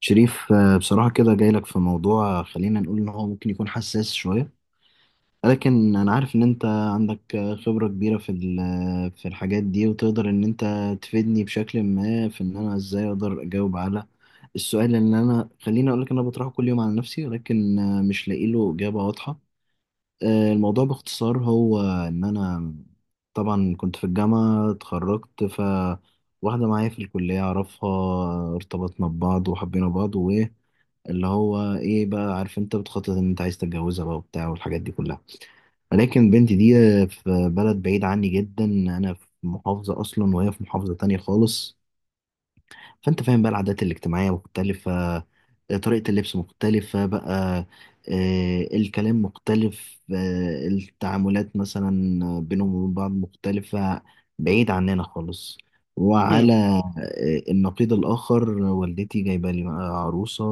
شريف، بصراحة كده جاي لك في موضوع، خلينا نقول إن هو ممكن يكون حساس شوية، ولكن أنا عارف إن أنت عندك خبرة كبيرة في ال- آه، في الحاجات دي وتقدر إن أنت تفيدني بشكل ما في إن أنا إزاي أقدر أجاوب على السؤال اللي أنا خليني أقول لك إن أنا بطرحه كل يوم على نفسي، ولكن مش لاقي له إجابة واضحة. الموضوع باختصار هو إن أنا طبعا كنت في الجامعة اتخرجت، ف واحدة معايا في الكلية أعرفها ارتبطنا ببعض وحبينا بعض، اللي هو ايه بقى، عارف انت بتخطط ان انت عايز تتجوزها بقى وبتاع والحاجات دي كلها. ولكن بنتي دي في بلد بعيد عني جدا، انا في محافظة اصلا وهي في محافظة تانية خالص، فانت فاهم بقى العادات الاجتماعية مختلفة، طريقة اللبس مختلفة بقى، الكلام مختلف، التعاملات مثلا بينهم وبين بعض مختلفة، بعيد عننا خالص، مم. وعلى النقيض الآخر والدتي جايبة لي بقى عروسة.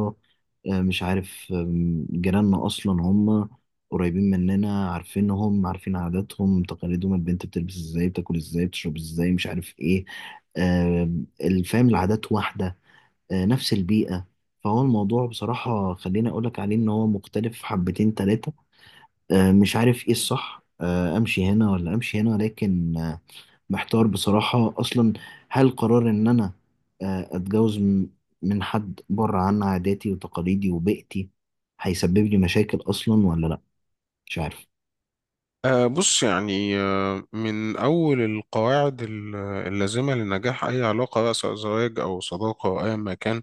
مش عارف، جيراننا أصلا هم قريبين مننا، عارفينهم، عارفين عاداتهم تقاليدهم، البنت بتلبس ازاي بتاكل ازاي بتشرب ازاي مش عارف ايه. آه، الفهم، العادات واحدة، نفس البيئة. فهو الموضوع بصراحة خليني أقولك عليه إن هو مختلف حبتين تلاتة. مش عارف إيه الصح، أمشي هنا ولا أمشي هنا، لكن محتار بصراحة أصلا. هل قرار إن أنا أتجوز من حد بره عن عاداتي وتقاليدي وبيئتي هيسبب لي مشاكل أصلا ولا لأ؟ مش عارف. بص يعني من أول القواعد اللازمة لنجاح أي علاقة بقى سواء زواج أو صداقة أو أيا ما كان،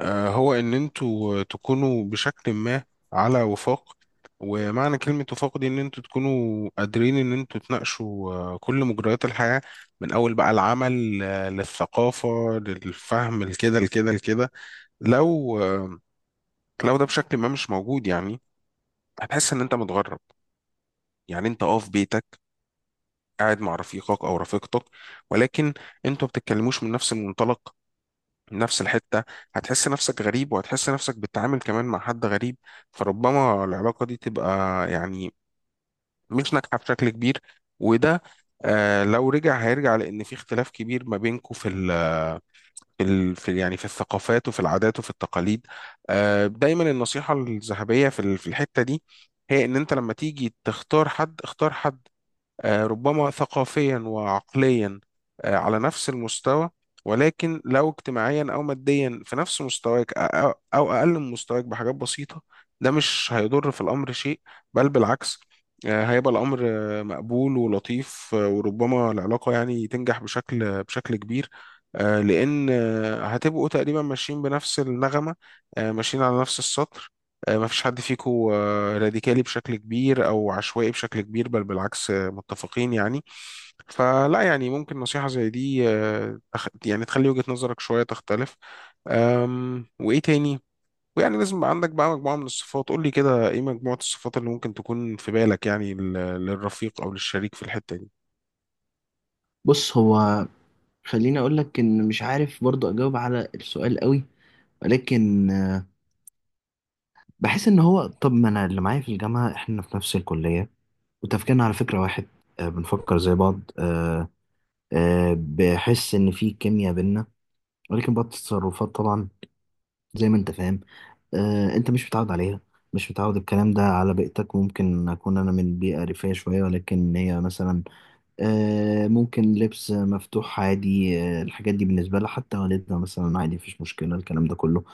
هو إن أنتوا تكونوا بشكل ما على وفاق. ومعنى كلمة وفاق دي إن أنتوا تكونوا قادرين إن أنتوا تناقشوا كل مجريات الحياة، من أول بقى العمل للثقافة للفهم لكده. لو آه، لو ده بشكل ما مش موجود يعني هتحس إن أنت متغرب. يعني أنت في بيتك قاعد مع رفيقك او رفيقتك، ولكن انتوا ما بتتكلموش من نفس المنطلق، من نفس الحته. هتحس نفسك غريب وهتحس نفسك بتتعامل كمان مع حد غريب، فربما العلاقه دي تبقى يعني مش ناجحه بشكل كبير. وده لو رجع هيرجع لان في اختلاف كبير ما بينكم يعني في الثقافات وفي العادات وفي التقاليد. دايما النصيحه الذهبيه في الحته دي هي ان انت لما تيجي تختار حد، اختار حد ربما ثقافيا وعقليا على نفس المستوى. ولكن لو اجتماعيا او ماديا في نفس مستواك او أو اقل من مستواك بحاجات بسيطة، ده مش هيضر في الامر شيء، بل بالعكس. هيبقى الامر مقبول ولطيف، وربما العلاقة يعني تنجح بشكل كبير. لان هتبقوا تقريبا ماشيين بنفس النغمة، ماشيين على نفس السطر. ما فيش حد فيكو راديكالي بشكل كبير او عشوائي بشكل كبير، بل بالعكس، متفقين يعني. فلا يعني ممكن نصيحة زي دي يعني تخلي وجهة نظرك شوية تختلف. وايه تاني؟ ويعني لازم يبقى عندك بقى مجموعة من الصفات. قول لي كده ايه مجموعة الصفات اللي ممكن تكون في بالك يعني للرفيق او للشريك في الحتة دي؟ بص، هو خليني أقولك إن مش عارف برضه أجاوب على السؤال قوي، ولكن بحس ان هو، طب ما انا اللي معايا في الجامعه احنا في نفس الكليه وتفكيرنا على فكره واحد، بنفكر زي بعض، بحس ان في كيمياء بينا. ولكن بعض التصرفات طبعا، زي ما انت فاهم، انت مش متعود عليها، مش متعود الكلام ده على بيئتك. ممكن اكون انا من بيئه ريفيه شويه، ولكن هي مثلا ممكن لبس مفتوح عادي، الحاجات دي بالنسبه لها حتى والدها مثلا عادي، مفيش مشكله الكلام ده كله.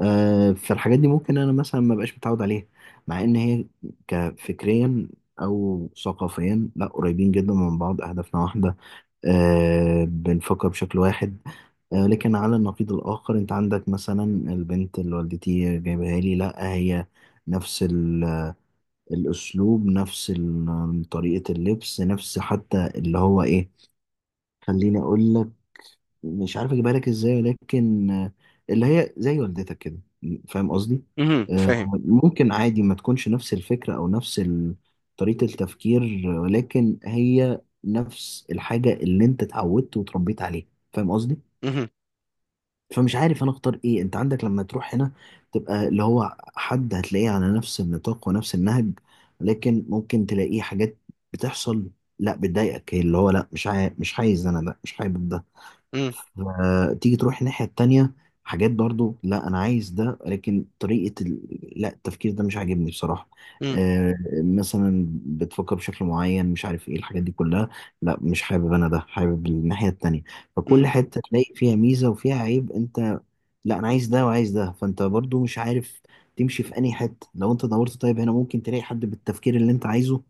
فالحاجات دي ممكن انا مثلا ما بقاش متعود عليها، مع ان هي كفكريا او ثقافيا لا، قريبين جدا من بعض، اهدافنا واحده، بنفكر بشكل واحد. لكن على النقيض الآخر، أنت عندك مثلا البنت اللي والدتي جايبها لي، لا هي نفس الأسلوب، نفس طريقة اللبس، نفس، حتى اللي هو إيه، خليني أقول لك، مش عارف اجيبها لك ازاي، لكن اللي هي زي والدتك كده، فاهم قصدي؟ امم. آه، فاهم. ممكن عادي ما تكونش نفس الفكرة او نفس طريقة التفكير، ولكن هي نفس الحاجة اللي انت اتعودت وتربيت عليها، فاهم قصدي؟ امم. فمش عارف انا اختار ايه. انت عندك لما تروح هنا تبقى اللي هو حد هتلاقيه على نفس النطاق ونفس النهج، لكن ممكن تلاقيه حاجات بتحصل، لا بتضايقك، اللي هو لا، مش عايز انا ده، مش حابب ده. امم. تيجي تروح الناحية التانية، حاجات برضو لا انا عايز ده، لكن طريقة لا، التفكير ده مش عاجبني بصراحة. آه مثلا بتفكر بشكل معين مش عارف ايه الحاجات دي كلها، لا مش حابب انا ده، حابب الناحية التانية. فكل امم. حتة تلاقي فيها ميزة وفيها عيب، انت لا انا عايز ده وعايز ده، فانت برضو مش عارف تمشي في انهي حته. لو انت دورت، طيب هنا ممكن تلاقي حد بالتفكير اللي انت عايزه،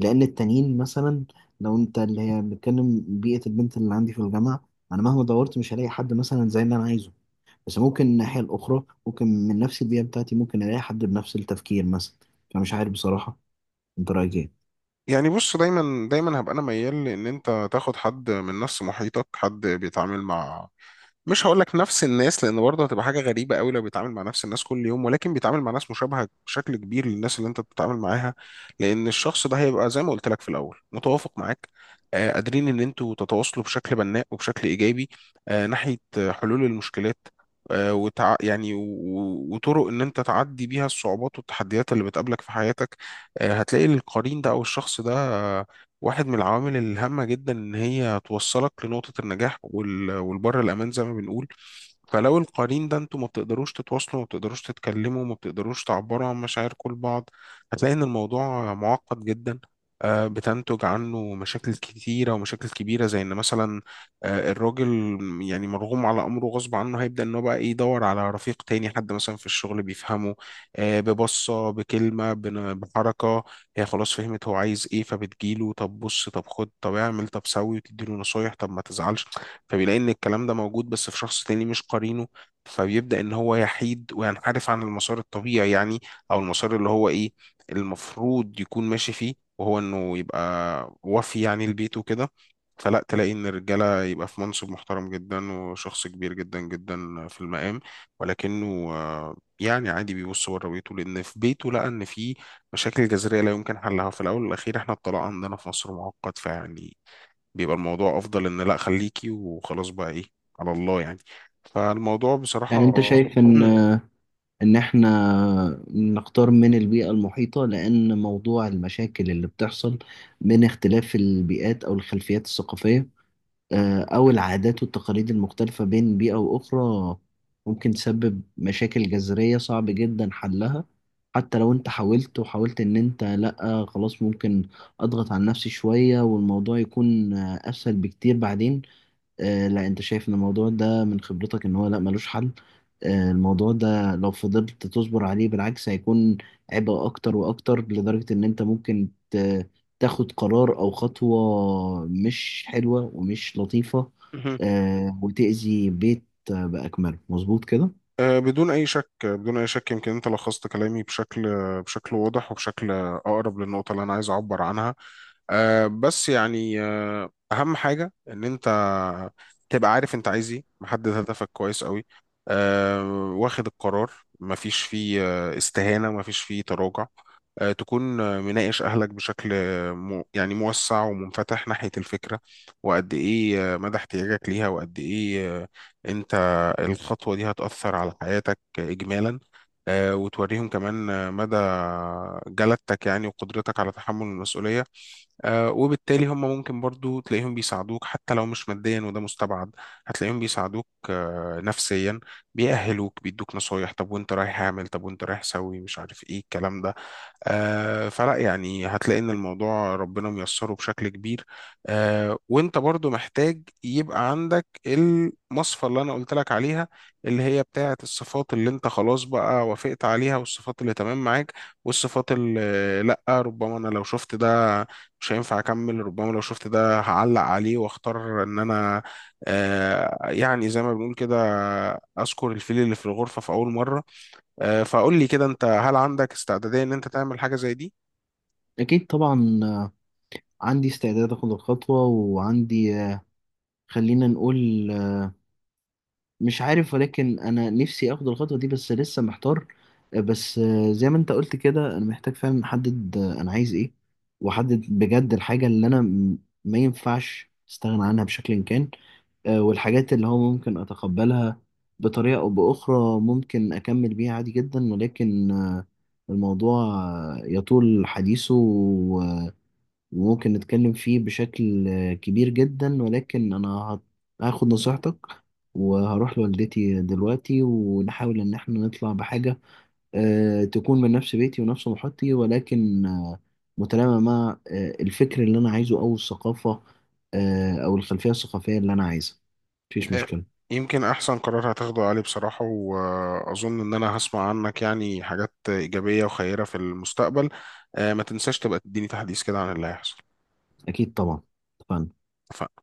لان التانيين مثلا، لو انت اللي هي بنتكلم بيئه البنت اللي عندي في الجامعه، انا مهما دورت مش هلاقي حد مثلا زي اللي انا عايزه. بس ممكن الناحيه الاخرى، ممكن من نفس البيئه بتاعتي ممكن الاقي حد بنفس التفكير مثلا. فمش عارف بصراحه، انت رايك ايه؟ يعني بص، دايما دايما هبقى انا ميال لان انت تاخد حد من نفس محيطك، حد بيتعامل مع، مش هقول لك نفس الناس لان برضه هتبقى حاجه غريبه قوي لو بيتعامل مع نفس الناس كل يوم، ولكن بيتعامل مع ناس مشابهه بشكل كبير للناس اللي انت بتتعامل معاها. لان الشخص ده هيبقى زي ما قلت لك في الاول متوافق معاك. قادرين ان انتوا تتواصلوا بشكل بناء وبشكل ايجابي ناحيه حلول المشكلات، يعني وطرق ان انت تعدي بيها الصعوبات والتحديات اللي بتقابلك في حياتك. هتلاقي القرين ده او الشخص ده واحد من العوامل الهامة جدا إن هي توصلك لنقطة النجاح والبر الأمان زي ما بنقول. فلو القرين ده انتوا ما بتقدروش تتواصلوا، ما بتقدروش تتكلموا، ما بتقدروش تعبروا عن مشاعركم لبعض، هتلاقي ان الموضوع معقد جدا. بتنتج عنه مشاكل كتيرة ومشاكل كبيرة، زي ان مثلا الراجل يعني مرغوم على امره غصب عنه، هيبدأ ان هو بقى إيه، يدور على رفيق تاني، حد مثلا في الشغل بيفهمه ببصة بكلمة بحركة. هي خلاص فهمت هو عايز ايه، فبتجيله طب بص طب خد طب اعمل طب سوي، وتديله نصايح طب ما تزعلش. فبيلاقي ان الكلام ده موجود بس في شخص تاني مش قرينه، فبيبدأ ان هو يحيد وينحرف عن المسار الطبيعي، يعني او المسار اللي هو ايه المفروض يكون ماشي فيه، وهو انه يبقى وفي يعني لبيته كده. فلا تلاقي ان الرجاله يبقى في منصب محترم جدا وشخص كبير جدا جدا في المقام، ولكنه يعني عادي بيبص بره بيته لان في بيته لقى ان في مشاكل جذرية لا يمكن حلها. في الأول والأخير إحنا الطلاق عندنا في مصر معقد، فيعني بيبقى الموضوع أفضل إن لأ خليكي وخلاص بقى إيه، على الله يعني. فالموضوع بصراحة. يعني انت شايف ان، مم. ان احنا نختار من البيئة المحيطة، لان موضوع المشاكل اللي بتحصل من اختلاف البيئات او الخلفيات الثقافية، او العادات والتقاليد المختلفة بين بيئة واخرى، ممكن تسبب مشاكل جذرية صعب جدا حلها، حتى لو انت حاولت وحاولت ان انت لا خلاص ممكن اضغط على نفسي شوية والموضوع يكون اسهل بكتير بعدين. لا، انت شايف ان الموضوع ده من خبرتك ان هو لا ملوش حل، الموضوع ده لو فضلت تصبر عليه بالعكس هيكون عبء اكتر واكتر، لدرجة ان انت ممكن تاخد قرار او خطوة مش حلوة ومش لطيفة، مهم. وتأذي بيت بأكمله، مظبوط كده؟ بدون أي شك، بدون أي شك، يمكن أنت لخصت كلامي بشكل واضح وبشكل أقرب للنقطة اللي أنا عايز أعبر عنها. بس يعني اهم حاجه ان انت تبقى عارف انت عايز ايه، محدد هدفك كويس قوي، أه واخد القرار. مفيش فيه استهانه، مفيش فيه تراجع. تكون مناقش أهلك بشكل مو يعني موسع ومنفتح ناحية الفكرة، وقد إيه مدى احتياجك ليها، وقد إيه أنت الخطوة دي هتأثر على حياتك إجمالا. وتوريهم كمان مدى جلدتك يعني وقدرتك على تحمل المسؤولية. وبالتالي هم ممكن برضو تلاقيهم بيساعدوك حتى لو مش ماديا، وده مستبعد، هتلاقيهم بيساعدوك نفسيا، بيأهلوك بيدوك نصايح طب وانت رايح اعمل طب وانت رايح سوي مش عارف ايه الكلام ده. فلا يعني هتلاقي ان الموضوع ربنا ميسره بشكل كبير. وانت برضو محتاج يبقى عندك المصفى اللي انا قلت لك عليها، اللي هي بتاعة الصفات اللي انت خلاص بقى وافقت عليها، والصفات اللي تمام معاك، والصفات اللي لا ربما انا لو شفت ده مش هينفع اكمل، ربما لو شفت ده هعلق عليه واختار ان انا يعني زي ما بنقول كده، اذكر الفيل اللي في الغرفة في اول مرة. فقول لي كده انت، هل عندك استعدادية ان انت تعمل حاجة زي دي؟ اكيد طبعا. عندي استعداد اخد الخطوة، وعندي خلينا نقول، مش عارف، ولكن انا نفسي اخد الخطوه دي، بس لسه محتار. بس زي ما انت قلت كده، انا محتاج فعلا احدد انا عايز ايه، واحدد بجد الحاجه اللي انا ما ينفعش استغنى عنها بشكل كان، والحاجات اللي هو ممكن اتقبلها بطريقه او باخرى ممكن اكمل بيها عادي جدا، ولكن الموضوع يطول حديثه، ممكن نتكلم فيه بشكل كبير جدا. ولكن أنا هاخد نصيحتك، وهروح لوالدتي دلوقتي ونحاول إن احنا نطلع بحاجة تكون من نفس بيتي ونفس محيطي، ولكن متلائمة مع الفكر اللي أنا عايزه أو الثقافة، أو الخلفية الثقافية اللي أنا عايزها. مفيش آه، مشكلة. يمكن احسن قرار هتاخده علي بصراحة، واظن ان انا هسمع عنك يعني حاجات ايجابية وخيرة في المستقبل. ما تنساش تبقى تديني تحديث كده عن اللي هيحصل. أكيد طبعا. اتفقنا. اتفقنا؟